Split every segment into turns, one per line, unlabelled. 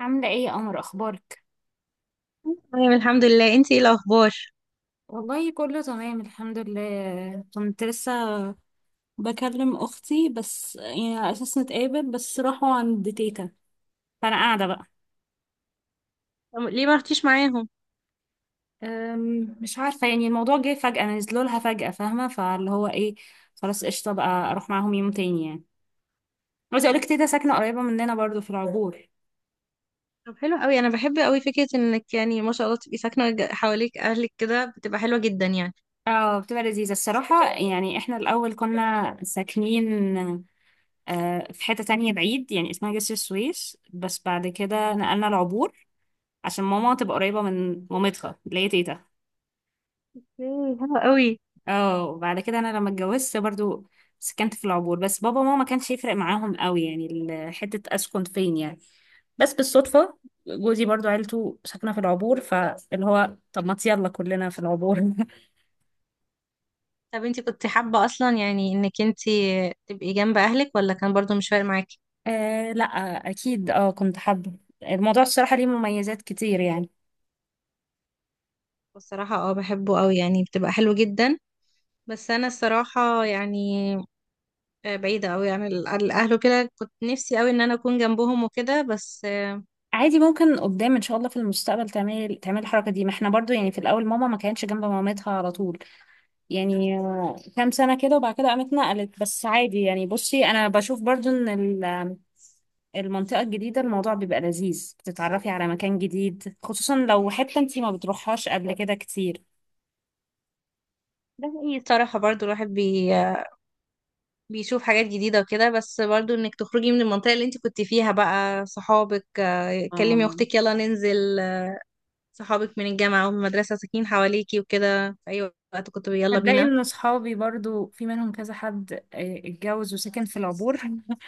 عاملة ايه يا قمر، اخبارك؟
تمام الحمد لله، انتي ايه الاخبار؟
والله كله تمام الحمد لله. كنت لسه بكلم اختي بس يعني على اساس نتقابل، بس راحوا عند تيتا فانا قاعدة بقى.
طب ليه ما رحتيش معاهم؟
مش عارفة، يعني الموضوع جه فجأة، نزلوا لها فجأة، فاهمة؟ فاللي هو ايه، خلاص قشطة بقى اروح معاهم يوم تاني يعني. عايزة اقولك تيتا ساكنة قريبة مننا برضو في العبور.
طب حلو قوي، انا بحب قوي فكره انك يعني ما شاء الله تبقي ساكنه حواليك اهلك كده، بتبقى حلوه جدا يعني.
اه بتبقى لذيذة الصراحة، يعني احنا الأول كنا ساكنين في حتة تانية بعيد يعني، اسمها جسر السويس، بس بعد كده نقلنا العبور عشان ماما تبقى قريبة من مامتها اللي هي تيتا.
ايه، حلو قوي.
اه وبعد كده انا لما اتجوزت برضو سكنت في العبور، بس بابا وماما ما كانش يفرق معاهم قوي يعني حتة اسكن فين يعني. بس بالصدفة جوزي برضو عيلته ساكنة في العبور، فاللي هو طب ما يلا كلنا في العبور.
طب انتي كنت حابه اصلا، يعني انك انتي تبقي جنب اهلك، ولا كان برضو مش فارق معاكي؟
آه لا، اكيد اه كنت حابة. الموضوع الصراحة ليه مميزات كتير يعني.
بصراحه، اه، بحبه قوي يعني، بتبقى حلو جدا. بس انا الصراحه يعني بعيده قوي عن عن الاهل وكده، كنت نفسي قوي ان انا اكون جنبهم وكده بس
عادي ممكن قدام ان شاء الله في المستقبل تعمل الحركة دي. ما احنا برضو يعني في الاول ماما ما كانتش جنب مامتها على طول، يعني كام سنة كده وبعد كده قامت نقلت. بس عادي يعني، بصي أنا بشوف برضو إن المنطقة الجديدة الموضوع بيبقى لذيذ، بتتعرفي على مكان جديد، خصوصا لو حتة انتي ما بتروحهاش قبل كده كتير.
ده حقيقي، الصراحه برضو الواحد بيشوف حاجات جديدة وكده، بس برضو انك تخرجي من المنطقة اللي انت كنت فيها بقى، صحابك كلمي
اه
اختك يلا ننزل، صحابك من الجامعة ومن المدرسة ساكنين حواليكي وكده، في اي وقت كنت يلا
هتلاقي
بينا.
إن صحابي برضو في منهم كذا حد، اتجوز وسكن في العبور.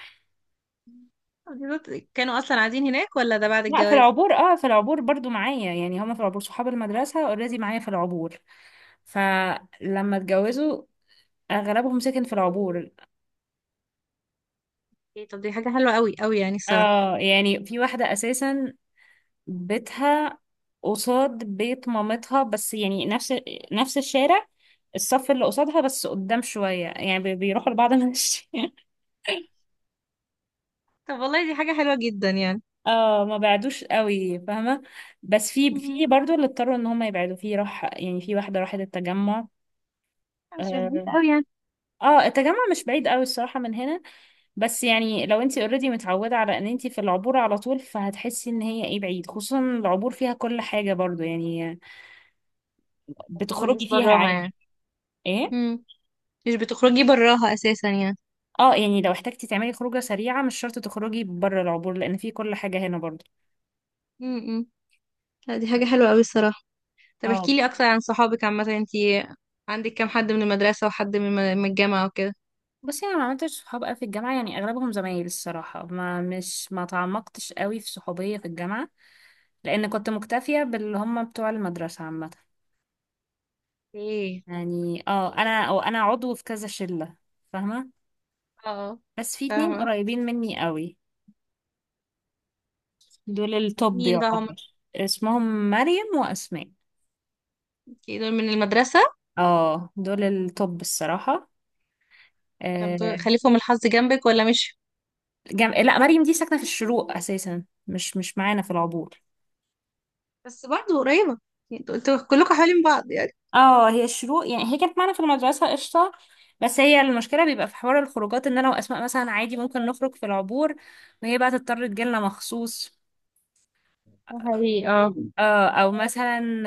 بالظبط، كانوا اصلا قاعدين هناك ولا ده بعد
لا في
الجواز؟
العبور، اه في العبور برضو معايا، يعني هما في العبور صحاب المدرسة اوريدي معايا في العبور، فلما اتجوزوا أغلبهم سكن في العبور.
إيه، طب دي حاجة حلوة قوي قوي يعني الصراحة.
اه يعني في واحدة أساسا بيتها قصاد بيت مامتها، بس يعني نفس الشارع، الصف اللي قصادها بس قدام شوية يعني، بيروحوا لبعض. ماشي،
طب والله، دي حاجة حلوة جدا يعني.
اه ما بعدوش قوي فاهمة. بس في
مم.
في برضو اللي اضطروا ان هم يبعدوا، في راح يعني، في واحدة راحت التجمع.
مش بعيد
اه
قوي يعني.
التجمع مش بعيد قوي الصراحة من هنا، بس يعني لو انتي اوريدي متعودة على ان انتي في العبور على طول فهتحسي ان هي ايه بعيد، خصوصا العبور فيها كل حاجة برضو يعني،
ما بتخرجيش
بتخرجي فيها
براها
عادي.
يعني؟
ايه،
مم. مش بتخرجي براها اساسا يعني.
اه يعني لو احتاجتي تعملي خروجة سريعة مش شرط تخرجي بره العبور، لأن في كل حاجة هنا برضه.
مم. مم. لا، دي حاجة حلوة قوي الصراحة. طب
اه
احكي لي اكتر عن صحابك عامه، انتي عندك كام حد من المدرسه وحد من من الجامعه وكده؟
بصي انا ما عملتش صحاب قوي في الجامعه، يعني اغلبهم زمايل الصراحه، ما تعمقتش قوي في صحوبيه في الجامعه لان كنت مكتفيه باللي هم بتوع المدرسه عامه.
ايه.
يعني اه انا عضو في كذا شله، فاهمه؟
اه.
بس في اتنين
فاهمه.
قريبين مني قوي، دول التوب
مين بقى هم؟
يعتبر، اسمهم مريم واسماء.
اوكي، دول من المدرسه.
اه دول التوب الصراحه.
طب
آه،
دول خليفهم الحظ جنبك ولا مش؟
لا مريم دي ساكنة في الشروق أساسا، مش معانا في العبور.
بس برضه قريبه يعني، انتوا كلكم حوالين بعض يعني.
اه هي الشروق، يعني هي كانت معانا في المدرسة قشطة، بس هي المشكلة بيبقى في حوار الخروجات ان انا واسماء مثلا عادي ممكن نخرج في العبور وهي بقى تضطر تجيلنا مخصوص.
ده حقيقي، اه.
اه او مثلا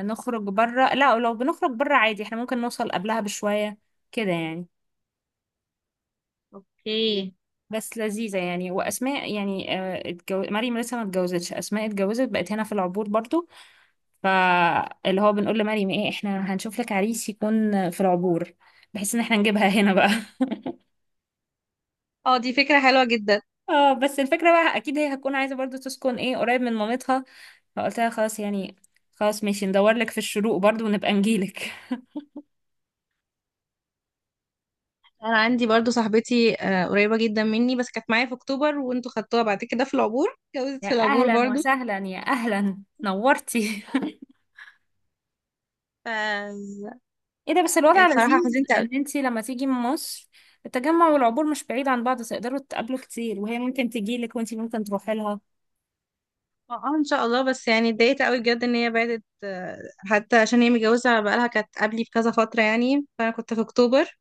نخرج بره. لا لو بنخرج بره عادي احنا ممكن نوصل قبلها بشوية كده يعني.
اوكي.
بس لذيذة يعني، واسماء يعني، مريم لسه ما اتجوزتش، اسماء اتجوزت بقت هنا في العبور برضو، فاللي هو بنقول لمريم ايه احنا هنشوف لك عريس يكون في العبور بحيث ان احنا نجيبها هنا بقى.
اه، دي فكره حلوه جدا.
اه بس الفكرة بقى اكيد هي هتكون عايزة برضو تسكن ايه قريب من مامتها، فقلت لها خلاص يعني، خلاص ماشي ندور لك في الشروق برضو ونبقى نجيلك.
انا عندي برضو صاحبتي قريبه جدا مني، بس كانت معايا في اكتوبر وانتوا خدتوها بعد كده في العبور، اتجوزت
يا
في العبور
اهلا
برضو.
وسهلا، يا اهلا نورتي.
ف
ايه ده بس، الوضع
بصراحه
لذيذ
حزنت.
ان انتي لما تيجي من مصر، التجمع والعبور مش بعيد عن بعض، تقدروا تقابلوا كتير، وهي ممكن تجيلك وانتي ممكن تروحي لها.
اه، ان شاء الله، بس يعني اتضايقت قوي بجد ان هي بعدت حتى عشان هي متجوزه بقالها، كانت قبلي بكذا فتره يعني، فانا كنت في اكتوبر.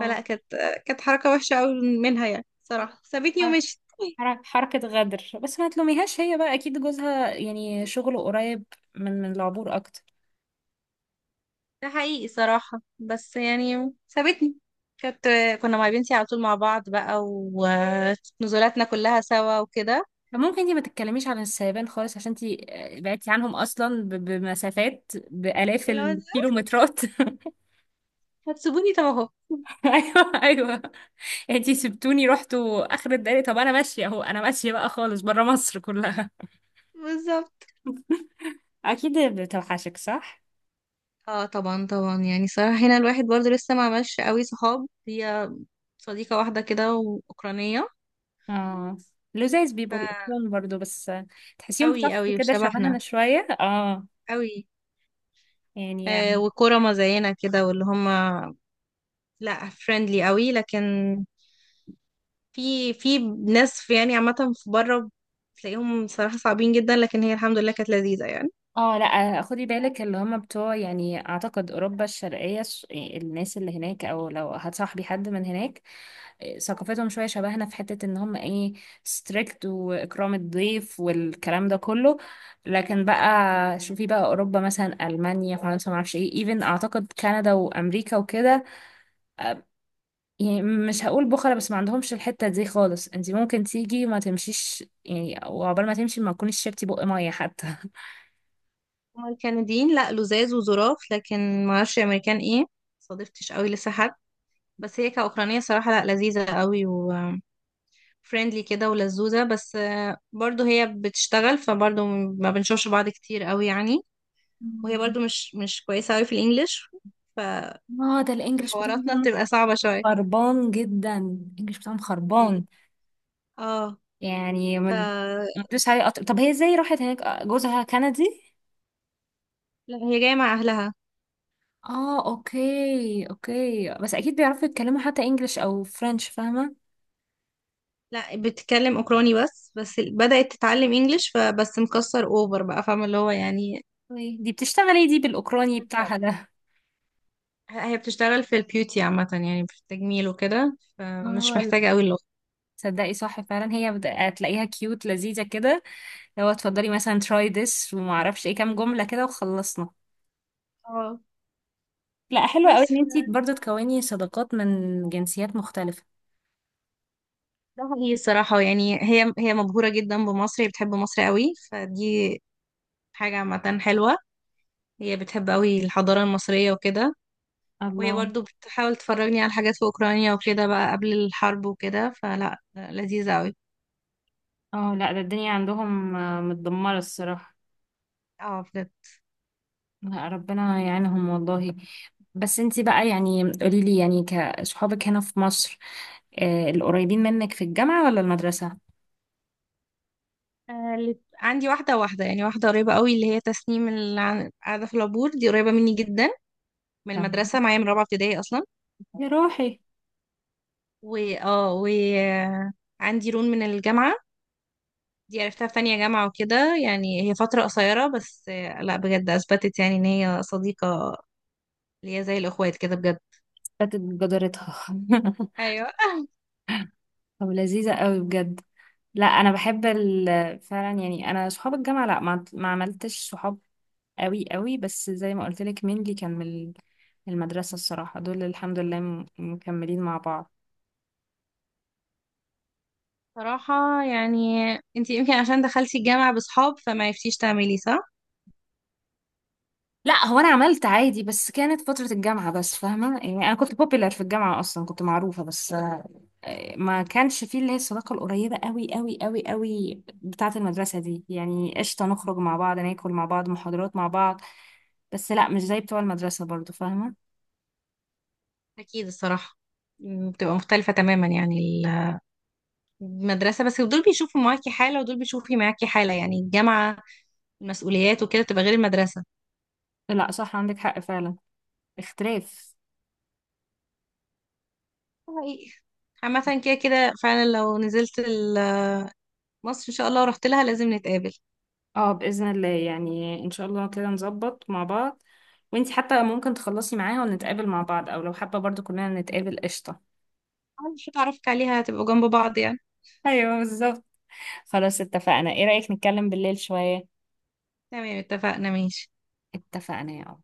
فلا، كانت حركه وحشه قوي منها، يعني صراحه سابتني ومشيت.
حركة غدر، بس ما تلوميهاش، هي بقى أكيد جوزها يعني شغله قريب من العبور أكتر.
ده حقيقي صراحه، بس يعني سابتني. كانت آه، كنا مع بنتي على طول مع بعض بقى، ونزولاتنا كلها سوا وكده.
فممكن انتي ما تتكلميش عن السيبان خالص، عشان انتي بعدتي عنهم أصلا بمسافات بآلاف
اللي هو
الكيلومترات.
هتسيبوني؟ طب اهو.
أيوه، انتي سبتوني رحتوا آخر الدنيا، طب أنا ماشية أهو، أنا ماشية بقى خالص برا مصر كلها.
بالظبط.
أكيد بتوحشك، صح؟
اه، طبعا طبعا، يعني صراحه هنا الواحد برضو لسه ما عملش قوي صحاب. هي صديقه واحده كده واوكرانيه.
اه لذاذ بيبقوا
ف
الأطفال برضو، بس تحسيهم
أوي
صف
أوي
كده شبهنا
وشبهنا
شوية، اه
أوي. آه،
يعني.
وكرما زينا كده، واللي هما لا فريندلي أوي، لكن في ناس في يعني عامة في بره تلاقيهم صراحة صعبين جدا، لكن هي الحمد لله كانت لذيذة يعني.
اه لا خدي بالك، اللي هم بتوع يعني اعتقد اوروبا الشرقيه، الناس اللي هناك او لو هتصاحبي حد من هناك، ثقافتهم شويه شبهنا في حته، ان هم ايه، ستريكت واكرام الضيف والكلام ده كله. لكن بقى شوفي بقى اوروبا مثلا، المانيا، فرنسا، ما اعرفش ايه، ايفن اعتقد كندا وامريكا وكده، يعني مش هقول بخلة بس ما عندهمش الحته دي خالص. انت ممكن تيجي ما تمشيش يعني، وعقبال ما تمشي ما تكونيش شربتي بق ميه حتى.
هما الكنديين لا، لزاز وظراف، لكن معرفش أمريكان ايه، صادفتش أوي لسه حد. بس هي كأوكرانية صراحة لا، لذيذة أوي وفريندلي كده ولذوذة، بس برضو هي بتشتغل، فبرضو ما بنشوفش بعض كتير أوي يعني. وهي
مم.
برضو مش كويسة أوي في الإنجليش،
اه ده الانجليش
فحواراتنا
بتاعهم
بتبقى صعبة شوية.
خربان، جدا الانجليش بتاعهم
ال-
خربان.
اه
يعني
ف
ما تدوس عليه قطر. طب هي ازاي راحت هناك، جوزها كندي؟
لا، هي جاية مع أهلها.
اه اوكي اوكي، بس اكيد بيعرفوا يتكلموا حتى انجليش او فرنش، فاهمه؟
لا، بتتكلم أوكراني بس، بس بدأت تتعلم إنجليش، فبس مكسر أوفر بقى، فاهمة اللي هو يعني.
أوكي. دي بتشتغلي، دي بالاوكراني
شر.
بتاعها ده؟
هي بتشتغل في البيوتي عامة، يعني في التجميل وكده، فمش
اه لا.
محتاجة أوي اللغة.
تصدقي صح فعلا، هي هتلاقيها كيوت لذيذه كده، لو اتفضلي مثلا تراي ذس وما اعرفش ايه كام جمله كده وخلصنا.
اه،
لا حلوه قوي
بس
ان انتي برضه تكوني صداقات من جنسيات مختلفه.
ده هي الصراحة يعني هي مبهورة جدا بمصر، هي بتحب مصر قوي، فدي حاجة عامة حلوة. هي بتحب قوي الحضارة المصرية وكده. وهي
الله،
برضو بتحاول تفرجني على حاجات في اوكرانيا وكده بقى قبل الحرب وكده، فلا لذيذة قوي.
اه لا ده الدنيا عندهم متدمرة الصراحة.
اه، بجد.
لا ربنا يعينهم والله. بس انتي بقى يعني قوليلي، يعني كصحابك هنا في مصر، آه القريبين منك في الجامعة ولا المدرسة؟
عندي واحدة يعني واحدة قريبة قوي اللي هي تسنيم، اللي قاعدة في العبور، دي قريبة مني جدا، من
تمام،
المدرسة معايا من رابعة ابتدائي أصلا.
يا روحي،
و آه، عندي رون من الجامعة، دي عرفتها في تانية جامعة وكده، يعني هي فترة قصيرة، بس لا، بجد أثبتت يعني إن هي صديقة، اللي هي زي الأخوات كده بجد.
فاتت جدارتها.
ايوه،
طب لذيذة قوي بجد. لا انا بحب فعلا يعني، انا صحاب الجامعة لا ما عملتش صحاب قوي قوي، بس زي ما قلت لك، مين اللي كان من المدرسة الصراحة دول الحمد لله مكملين مع بعض.
صراحة يعني انت يمكن عشان دخلتي الجامعة بصحاب فما عرفتيش تعملي، صح؟
لا هو انا عملت عادي، بس كانت فترة الجامعة بس فاهمة، يعني انا كنت بوبيلر في الجامعة اصلا، كنت معروفة، بس ما كانش فيه اللي هي الصداقة القريبة قوي قوي قوي قوي بتاعة المدرسة دي. يعني قشطة نخرج مع بعض، ناكل مع بعض، محاضرات مع بعض، بس لا مش زي بتوع المدرسة برضو فاهمة.
أكيد الصراحة، بتبقى مختلفة تماما يعني. ال- المدرسة بس دول بيشوفوا معاكي حالة ودول بيشوفي معاكي حالة، يعني الجامعة، المسؤوليات وكده تبقى غير المدرسة.
لا صح، عندك حق فعلا، اختلاف.
حقيقي. عامة كده كده فعلا، لو نزلت مصر إن شاء الله ورحت لها لازم نتقابل.
اه بإذن الله، يعني ان شاء الله كده نظبط مع بعض، وانتي حتى ممكن تخلصي معاها ونتقابل مع بعض، او لو حابة برضو كلنا نتقابل قشطة.
أول حاجة أعرفك عليها، هتبقوا جنب بعض يعني.
ايوه بالظبط. خلاص اتفقنا، ايه رأيك نتكلم بالليل شوية؟
تمام، اتفقنا، ماشي.
اتفقنا يا عم.